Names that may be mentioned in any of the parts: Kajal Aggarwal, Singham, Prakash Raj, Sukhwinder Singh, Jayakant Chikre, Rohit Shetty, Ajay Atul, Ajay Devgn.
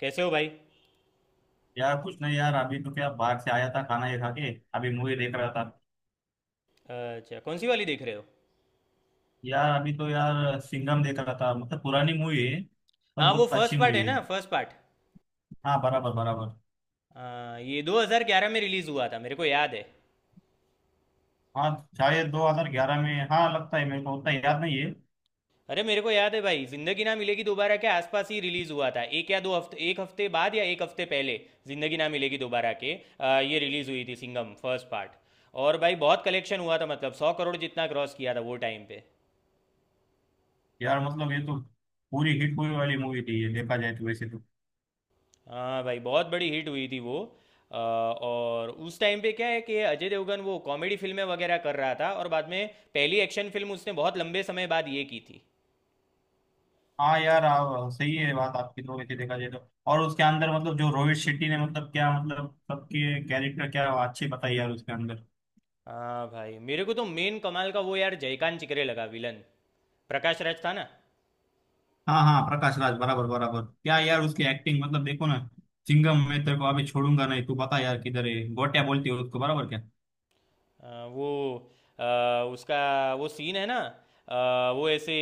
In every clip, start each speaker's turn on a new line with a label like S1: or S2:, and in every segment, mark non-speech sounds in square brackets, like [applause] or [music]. S1: कैसे हो भाई?
S2: यार कुछ नहीं यार। अभी तो क्या, बाहर से आया था खाना ये खा के। अभी मूवी देख रहा था।
S1: अच्छा, कौन सी वाली देख रहे हो?
S2: यार अभी तो यार सिंघम देख रहा था। मतलब पुरानी मूवी है पर
S1: हाँ, वो
S2: बहुत अच्छी
S1: फर्स्ट पार्ट है
S2: मूवी है।
S1: ना, फर्स्ट पार्ट।
S2: हाँ, बराबर बराबर।
S1: हाँ, ये 2011 में रिलीज़ हुआ था, मेरे को याद है।
S2: हाँ, शायद 2011 में। हाँ, लगता है मेरे को उतना याद नहीं है।
S1: अरे, मेरे को याद है भाई, जिंदगी ना मिलेगी दोबारा के आसपास ही रिलीज़ हुआ था, एक या दो हफ्ते, एक हफ्ते बाद या एक हफ्ते पहले। जिंदगी ना मिलेगी दोबारा के ये रिलीज़ हुई थी सिंगम फर्स्ट पार्ट। और भाई बहुत कलेक्शन हुआ था, मतलब 100 करोड़ जितना क्रॉस किया था वो टाइम पे।
S2: यार मतलब ये तो पूरी हिट हुई वाली मूवी थी ये, देखा जाए तो वैसे तो।
S1: हाँ भाई, बहुत बड़ी हिट हुई थी वो। और उस टाइम पे क्या है कि अजय देवगन वो कॉमेडी फिल्में वगैरह कर रहा था, और बाद में पहली एक्शन फिल्म उसने बहुत लंबे समय बाद ये की थी।
S2: हाँ यार, सही है बात आपकी तो, वैसे देखा जाए तो। और उसके अंदर मतलब जो रोहित शेट्टी ने, मतलब क्या मतलब, सबके कैरेक्टर क्या अच्छे बताए यार उसके अंदर।
S1: हाँ भाई, मेरे को तो मेन कमाल का वो यार जयकांत चिकरे लगा, विलन। प्रकाश राज था ना।
S2: हाँ हाँ, प्रकाश राज बराबर बराबर, क्या यार उसकी एक्टिंग, मतलब देखो ना। चिंगम मैं तेरे को अभी छोड़ूंगा नहीं, तू बता यार किधर है, गोटिया बोलती है उसको, बराबर क्या।
S1: वो अ, उसका वो सीन है ना। वो ऐसे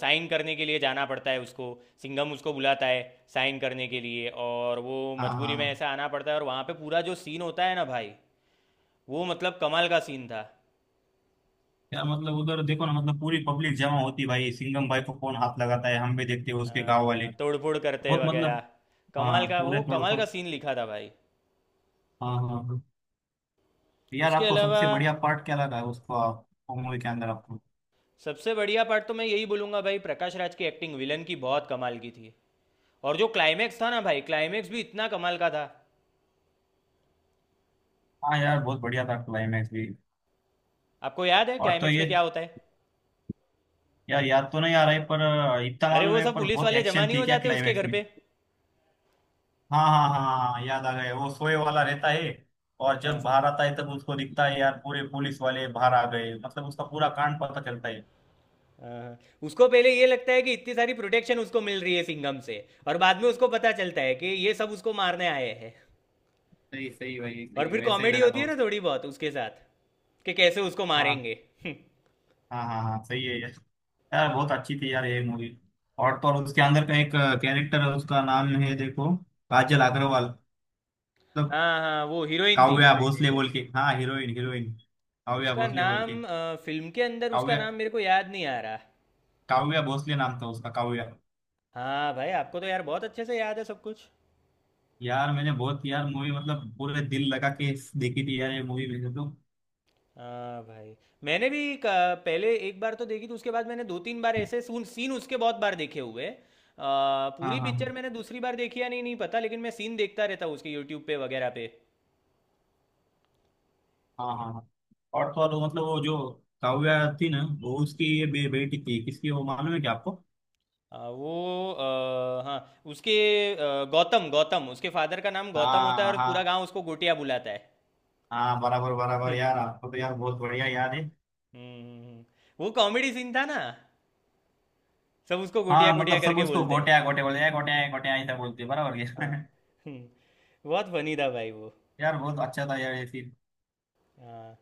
S1: साइन करने के लिए जाना पड़ता है उसको। सिंघम उसको बुलाता है साइन करने के लिए, और वो
S2: हाँ
S1: मजबूरी में
S2: हाँ।
S1: ऐसा आना पड़ता है, और वहाँ पे पूरा जो सीन होता है ना भाई, वो मतलब कमाल का सीन था।
S2: यार मतलब उधर देखो ना, मतलब पूरी पब्लिक जमा होती है भाई, सिंघम भाई को कौन हाथ लगाता है हम भी देखते हैं, उसके गांव
S1: हाँ
S2: वाले।
S1: हाँ, तोड़फोड़ करते
S2: बहुत मतलब।
S1: वगैरह। कमाल
S2: हाँ
S1: का
S2: पूरे
S1: वो
S2: थोड़ा
S1: कमाल
S2: सा।
S1: का सीन लिखा था भाई।
S2: हाँ हाँ हाँ। यार
S1: उसके
S2: आपको
S1: अलावा
S2: सबसे बढ़िया पार्ट क्या लगा उसको मूवी के अंदर आपको?
S1: सबसे बढ़िया पार्ट तो मैं यही बोलूंगा भाई, प्रकाश राज की एक्टिंग, विलन की, बहुत कमाल की थी। और जो क्लाइमैक्स था ना भाई, क्लाइमैक्स भी इतना कमाल का था।
S2: हाँ यार, बहुत बढ़िया था क्लाइमैक्स भी।
S1: आपको याद है
S2: और तो
S1: क्लाइमैक्स
S2: ये।
S1: में क्या होता है?
S2: यार याद तो नहीं आ रहा है पर इतना
S1: अरे,
S2: मालूम
S1: वो
S2: है,
S1: सब
S2: पर
S1: पुलिस
S2: बहुत
S1: वाले जमा
S2: एक्शन
S1: नहीं
S2: थी
S1: हो
S2: क्या
S1: जाते उसके
S2: क्लाइमैक्स
S1: घर
S2: में।
S1: पे?
S2: हाँ हाँ हाँ हाँ, हाँ, याद आ गए। वो सोए वाला रहता है। और जब
S1: हाँ
S2: बाहर आता है तब उसको दिखता है यार, पूरे पुलिस वाले बाहर आ गए, मतलब उसका पूरा कांड पता चलता है।
S1: हाँ हाँ। उसको पहले ये लगता है कि इतनी सारी प्रोटेक्शन उसको मिल रही है सिंघम से, और बाद में उसको पता चलता है कि ये सब उसको मारने आए हैं।
S2: सही सही, वही
S1: और
S2: सही,
S1: फिर
S2: वैसे ही
S1: कॉमेडी
S2: लगा
S1: होती
S2: था
S1: है ना
S2: उसको।
S1: थोड़ी बहुत उसके साथ, कि कैसे उसको
S2: हाँ
S1: मारेंगे। [laughs]
S2: हाँ हाँ हाँ, सही है यार। यार बहुत अच्छी थी यार ये मूवी। और तो और उसके अंदर का एक कैरेक्टर है, उसका नाम है देखो, काजल अग्रवाल, मतलब।
S1: हाँ हाँ, वो हीरोइन थी,
S2: काव्या
S1: हीरोइन
S2: भोसले
S1: हीरोइन।
S2: बोल के। हाँ, हीरोइन हीरोइन। काव्या भोसले बोल के।
S1: फिल्म के अंदर उसका
S2: काव्या,
S1: नाम मेरे को याद नहीं आ रहा।
S2: काव्या भोसले नाम था उसका, काव्या।
S1: हाँ भाई, आपको तो यार बहुत अच्छे से याद है सब कुछ।
S2: यार मैंने बहुत यार, मूवी मतलब पूरे दिल लगा के देखी थी यार, ये मूवी मैंने तो।
S1: हाँ भाई, मैंने भी पहले एक बार तो देखी थी, उसके बाद मैंने 2-3 बार ऐसे सून सीन उसके बहुत बार देखे हुए हैं।
S2: हाँ हाँ
S1: पूरी पिक्चर
S2: हाँ
S1: मैंने दूसरी बार देखी या नहीं, नहीं पता, लेकिन मैं सीन देखता रहता हूँ उसके यूट्यूब पे वगैरह पे।
S2: हाँ हाँ हाँ। और तो और वो मतलब वो जो काव्या थी ना, वो उसकी ये बेटी थी किसकी वो मालूम है क्या आपको?
S1: वो हाँ, उसके गौतम गौतम उसके फादर का नाम गौतम होता है,
S2: हाँ
S1: और पूरा
S2: हाँ
S1: गांव उसको गोटिया बुलाता है।
S2: हाँ, बराबर
S1: [laughs]
S2: बराबर
S1: हम्म,
S2: यार, आपको तो यार बहुत बढ़िया याद है।
S1: हम्म। वो कॉमेडी सीन था ना, सब उसको गोटिया
S2: हाँ
S1: गोटिया
S2: मतलब सब
S1: करके
S2: उसको
S1: बोलते हैं।
S2: गोटिया गोटे बोलते हैं, गोटिया गोटिया ऐसा बोलते हैं, बराबर
S1: हाँ,
S2: यार।
S1: हम्म, बहुत फनी था भाई वो।
S2: [laughs] यार बहुत अच्छा था यार ये सीन।
S1: हाँ,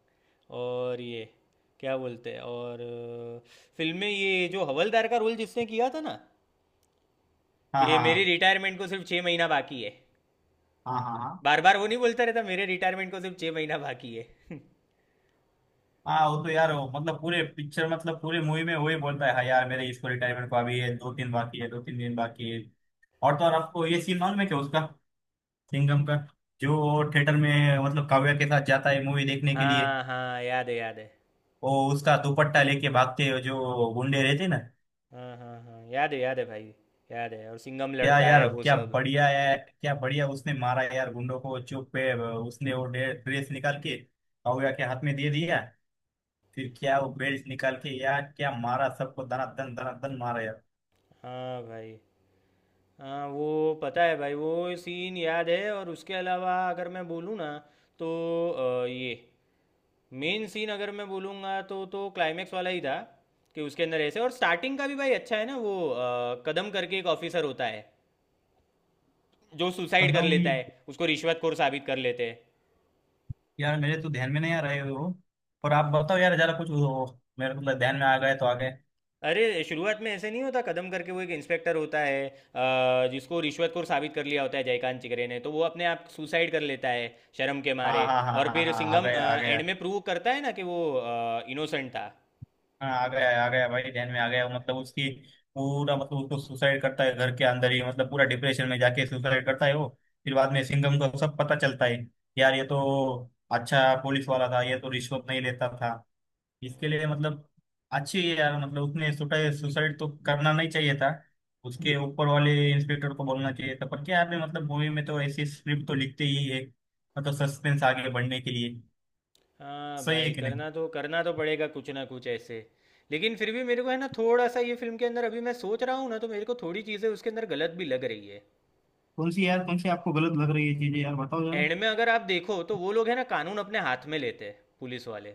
S1: और ये क्या बोलते हैं, और फिल्म में ये जो हवलदार का रोल जिसने किया था ना,
S2: हाँ
S1: कि
S2: हाँ
S1: मेरी
S2: हाँ
S1: रिटायरमेंट को सिर्फ 6 महीना बाकी है।
S2: हाँ हाँ हाँ।
S1: बार बार वो नहीं बोलता रहता, मेरे रिटायरमेंट को सिर्फ छः महीना बाकी है। [laughs]
S2: हाँ वो तो यार, मतलब पूरे पिक्चर, मतलब पूरे मूवी में वही बोलता है, हाँ यार मेरे इसको रिटायरमेंट को अभी है, दो तीन बाकी है, दो तीन दिन बाकी है। और तो और आपको ये सीन मालूम है क्या उसका, सिंघम का, जो वो थिएटर में मतलब काव्या के साथ जाता है मूवी देखने के लिए।
S1: हाँ हाँ, याद है, याद है।
S2: वो उसका दुपट्टा लेके भागते हैं जो गुंडे रहते हैं ना।
S1: हाँ हाँ हाँ, याद है, याद है भाई। याद है, और सिंघम
S2: क्या
S1: लड़ता है
S2: यार,
S1: वो
S2: क्या
S1: सब।
S2: बढ़िया है, क्या बढ़िया उसने मारा यार गुंडों को, चुप पे उसने वो ड्रेस निकाल के काव्या के हाथ में दे दिया। फिर क्या वो बेल्ट निकाल के यार, क्या मारा सबको, धनाधन धनाधन मारा यार।
S1: हाँ भाई, हाँ, वो पता है भाई, वो सीन याद है, और उसके अलावा अगर मैं बोलूँ ना तो ये मेन सीन अगर मैं बोलूँगा तो क्लाइमेक्स वाला ही था। कि उसके अंदर ऐसे, और स्टार्टिंग का भी भाई अच्छा है ना, वो कदम करके एक ऑफिसर होता है, जो सुसाइड कर
S2: कदम?
S1: लेता है, उसको रिश्वतखोर साबित कर लेते हैं।
S2: यार मेरे तो ध्यान में नहीं आ रहे हो। और आप बताओ यार जरा कुछ, मेरे को तो ध्यान में आ गए तो आ गए।
S1: अरे! शुरुआत में ऐसे नहीं होता, कदम करके वो एक इंस्पेक्टर होता है, जिसको रिश्वतखोर साबित कर लिया होता है जयकांत चिकरे ने, तो वो अपने आप सुसाइड कर लेता है, शर्म के मारे।
S2: हाँ हाँ हाँ
S1: और
S2: हाँ हाँ
S1: फिर
S2: हाँ, आ
S1: सिंघम
S2: गया आ गया।
S1: एंड में प्रूव करता है ना कि वो इनोसेंट था।
S2: हाँ आ गया भाई, ध्यान में आ गया, मतलब उसकी पूरा, मतलब उसको सुसाइड करता है घर के अंदर ही, मतलब पूरा डिप्रेशन में जाके सुसाइड करता है वो। फिर बाद में सिंघम को सब पता चलता है। यार ये तो अच्छा पुलिस वाला था, ये तो रिश्वत नहीं लेता था इसके लिए मतलब। अच्छी है यार, मतलब उसने सुसाइड सुसाइड तो करना नहीं चाहिए था। उसके ऊपर वाले इंस्पेक्टर को बोलना चाहिए था, पर क्या आपने, मतलब मूवी में तो ऐसी स्क्रिप्ट तो लिखते ही है, मतलब सस्पेंस आगे बढ़ने के लिए।
S1: हाँ
S2: सही है
S1: भाई,
S2: कि नहीं?
S1: करना तो पड़ेगा कुछ ना कुछ ऐसे। लेकिन फिर भी मेरे को है ना थोड़ा-सा, ये फ़िल्म के अंदर, अभी मैं सोच रहा हूँ ना तो मेरे को थोड़ी चीज़ें उसके अंदर गलत भी लग रही है।
S2: कौन सी यार, कौन सी आपको गलत लग रही है चीजें यार, बताओ जरा।
S1: एंड में अगर आप देखो तो वो लोग है ना, कानून अपने हाथ में लेते हैं, पुलिस वाले।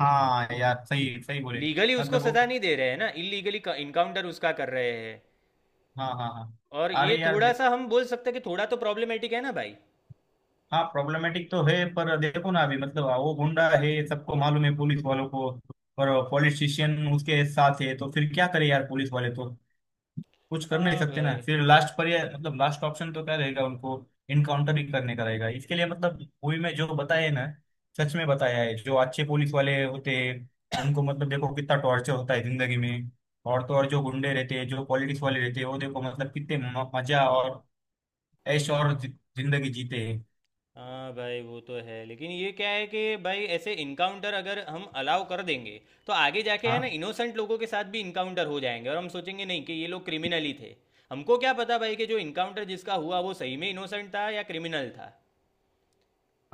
S2: हाँ यार, सही सही बोले।
S1: लीगली उसको
S2: मतलब
S1: सजा
S2: वो।
S1: नहीं दे रहे हैं ना, इलीगली इनकाउंटर उसका कर रहे हैं।
S2: हाँ हाँ हाँ।
S1: और ये
S2: अरे यार
S1: थोड़ा सा हम बोल सकते हैं कि थोड़ा तो प्रॉब्लमेटिक है ना भाई।
S2: हाँ प्रॉब्लमेटिक तो है, पर देखो ना अभी मतलब वो गुंडा है, सबको मालूम है पुलिस वालों को। पर पॉलिटिशियन उसके साथ है तो फिर क्या करे यार पुलिस वाले तो, कुछ कर नहीं
S1: हाँ
S2: सकते ना,
S1: भाई,
S2: फिर लास्ट पर ये मतलब लास्ट ऑप्शन तो क्या रहेगा उनको। इनकाउंटर ही करने का रहेगा इसके लिए मतलब, मूवी में जो बताया है ना। सच में बताया है, जो अच्छे पुलिस वाले होते हैं उनको मतलब देखो कितना टॉर्चर होता है जिंदगी में। और तो और जो गुंडे रहते हैं, जो पॉलिटिक्स वाले रहते हैं, वो देखो मतलब कितने मजा और ऐश और जिंदगी जीते हैं।
S1: हाँ भाई, वो तो है, लेकिन ये क्या है कि भाई, ऐसे इनकाउंटर अगर हम अलाउ कर देंगे, तो आगे जाके है ना
S2: हाँ
S1: इनोसेंट लोगों के साथ भी इनकाउंटर हो जाएंगे, और हम सोचेंगे नहीं कि ये लोग क्रिमिनल ही थे। हमको क्या पता भाई, कि जो इनकाउंटर जिसका हुआ वो सही में इनोसेंट था या क्रिमिनल था।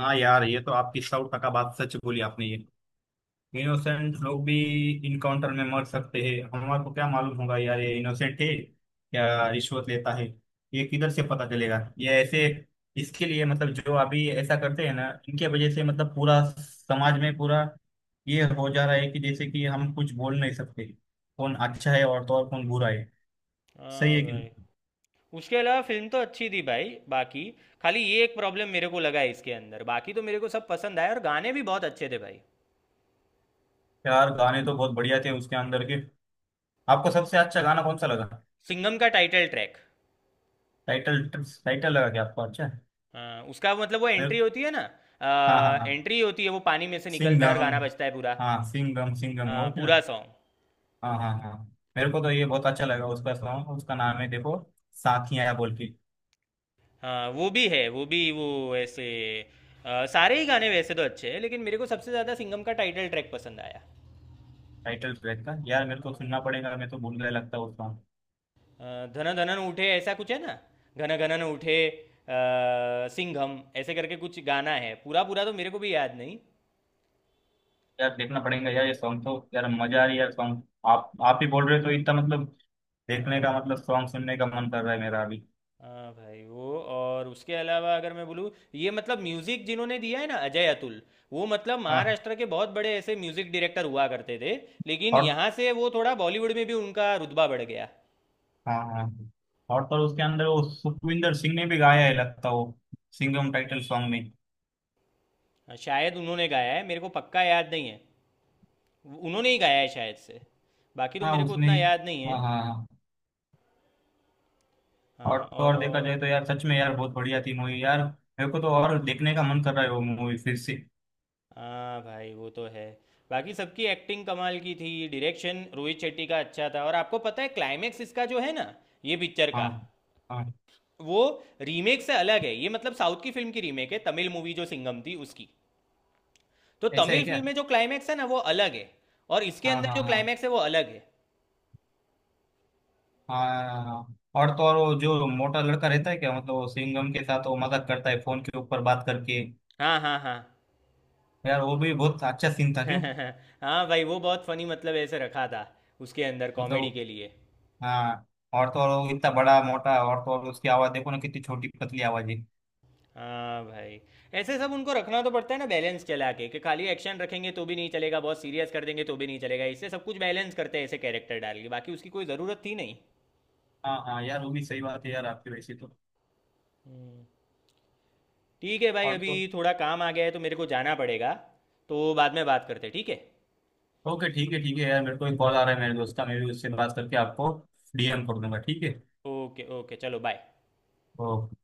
S2: हाँ यार, ये तो आपकी सौ टका बात सच बोली आपने ये। इनोसेंट लोग भी इनकाउंटर में मर सकते हैं, हमारे को क्या मालूम होगा यार ये इनोसेंट है या रिश्वत लेता है, ये किधर से पता चलेगा ये ऐसे। इसके लिए मतलब, जो अभी ऐसा करते हैं ना, इनके वजह से मतलब पूरा समाज में पूरा ये हो जा रहा है कि जैसे कि हम कुछ बोल नहीं सकते कौन अच्छा है, और तो और कौन बुरा है। सही
S1: हाँ
S2: है कि
S1: भाई,
S2: नहीं?
S1: उसके अलावा फिल्म तो अच्छी थी भाई बाकी। खाली ये एक प्रॉब्लम मेरे को लगा है इसके अंदर, बाकी तो मेरे को सब पसंद आया, और गाने भी बहुत अच्छे थे भाई।
S2: यार गाने तो बहुत बढ़िया थे उसके अंदर के। आपको सबसे अच्छा गाना कौन सा लगा?
S1: सिंगम का टाइटल ट्रैक।
S2: टाइटल टाइटल लगा क्या आपको अच्छा?
S1: हाँ, उसका मतलब वो
S2: मेरे।
S1: एंट्री होती है ना।
S2: हाँ हाँ हाँ,
S1: एंट्री होती है, वो पानी में से निकलता है और गाना
S2: सिंघम।
S1: बजता है पूरा।
S2: हाँ, सिंघम सिंघम हो
S1: हाँ,
S2: उसमें।
S1: पूरा सॉन्ग।
S2: हाँ हाँ हाँ। मेरे को तो ये बहुत अच्छा लगा उसका सॉन्ग, उसका नाम है देखो, साथिया बोल के।
S1: हाँ, वो भी है, वो भी, वो ऐसे सारे ही गाने वैसे तो अच्छे हैं, लेकिन मेरे को सबसे ज़्यादा सिंगम का टाइटल ट्रैक पसंद आया।
S2: टाइटल ट्रैक का यार, मेरे को सुनना पड़ेगा, मैं तो भूल गया लगता है उस सॉन्ग।
S1: अ, धन धनन उठे ऐसा कुछ है ना। घन घनन उठे सिंघम ऐसे करके कुछ गाना है, पूरा पूरा तो मेरे को भी याद नहीं।
S2: यार देखना पड़ेगा यार ये सॉन्ग तो यार, मजा आ रही है
S1: हाँ
S2: यार सॉन्ग। आप ही बोल रहे हो तो इतना मतलब, देखने
S1: हाँ,
S2: का मतलब सॉन्ग सुनने का मन कर रहा है मेरा अभी।
S1: हाँ भाई, वो और उसके अलावा अगर मैं बोलूँ, ये मतलब म्यूज़िक जिन्होंने दिया है ना, अजय अतुल, वो मतलब
S2: हाँ
S1: महाराष्ट्र के बहुत बड़े ऐसे म्यूज़िक डायरेक्टर हुआ करते थे। लेकिन
S2: और।
S1: यहाँ से वो थोड़ा बॉलीवुड में भी उनका रुतबा बढ़ गया।
S2: हाँ हाँ। और तो उसके अंदर वो सुखविंदर सिंह ने भी गाया है लगता है वो, सिंघम टाइटल सॉन्ग में।
S1: हाँ, शायद उन्होंने गाया है, मेरे को पक्का याद नहीं है। उन्होंने ही गाया है शायद से। बाकी तो
S2: हाँ
S1: मेरे को
S2: उसने।
S1: उतना याद नहीं है।
S2: हाँ हाँ हाँ। और
S1: हाँ,
S2: तो और देखा
S1: और
S2: जाए तो यार, सच में यार बहुत बढ़िया थी मूवी यार, मेरे को तो और देखने का मन कर रहा है वो मूवी फिर से।
S1: हाँ भाई, वो तो है। बाकी सबकी एक्टिंग कमाल की थी, डायरेक्शन रोहित शेट्टी का अच्छा था, और आपको पता है क्लाइमेक्स इसका जो है ना, ये पिक्चर का,
S2: हाँ हाँ।
S1: वो रीमेक से अलग है, ये मतलब साउथ की फिल्म की रीमेक है, तमिल मूवी जो सिंगम थी उसकी। तो
S2: ऐसा है
S1: तमिल
S2: क्या?
S1: फिल्म में जो क्लाइमेक्स है ना, वो अलग है। और इसके
S2: हाँ
S1: अंदर
S2: हाँ
S1: जो
S2: हाँ।
S1: क्लाइमेक्स है, वो अलग है।
S2: हाँ हाँ। और तो और वो जो मोटा लड़का रहता है क्या मतलब, वो सिंघम के साथ वो मजाक करता है फोन के ऊपर बात करके।
S1: हाँ हाँ हाँ।
S2: यार वो भी बहुत अच्छा सीन था क्यों।
S1: [laughs] हाँ भाई, वो बहुत फनी, मतलब ऐसे रखा था उसके अंदर कॉमेडी
S2: मतलब।
S1: के लिए।
S2: हाँ और तो और वो इतना बड़ा मोटा, और तो और उसकी आवाज देखो ना कितनी छोटी पतली आवाज है।
S1: हाँ भाई, ऐसे सब उनको रखना तो पड़ता है ना, बैलेंस चला के, कि खाली एक्शन रखेंगे तो भी नहीं चलेगा, बहुत सीरियस कर देंगे तो भी नहीं चलेगा, इससे सब कुछ बैलेंस करते हैं ऐसे कैरेक्टर डाल के, बाकी उसकी कोई ज़रूरत थी नहीं।
S2: हाँ हाँ यार, वो भी सही बात है यार आपकी वैसे तो।
S1: हम्म, ठीक है भाई,
S2: और
S1: अभी
S2: तो।
S1: थोड़ा काम आ गया है तो मेरे को जाना पड़ेगा। तो बाद में बात करते हैं, ठीक है?
S2: ओके ठीक है यार, मेरे को एक कॉल आ रहा है मेरे दोस्त का, मैं भी उससे बात करके आपको डीएम कर दूंगा, ठीक है?
S1: ओके, ओके, चलो बाय।
S2: ओके।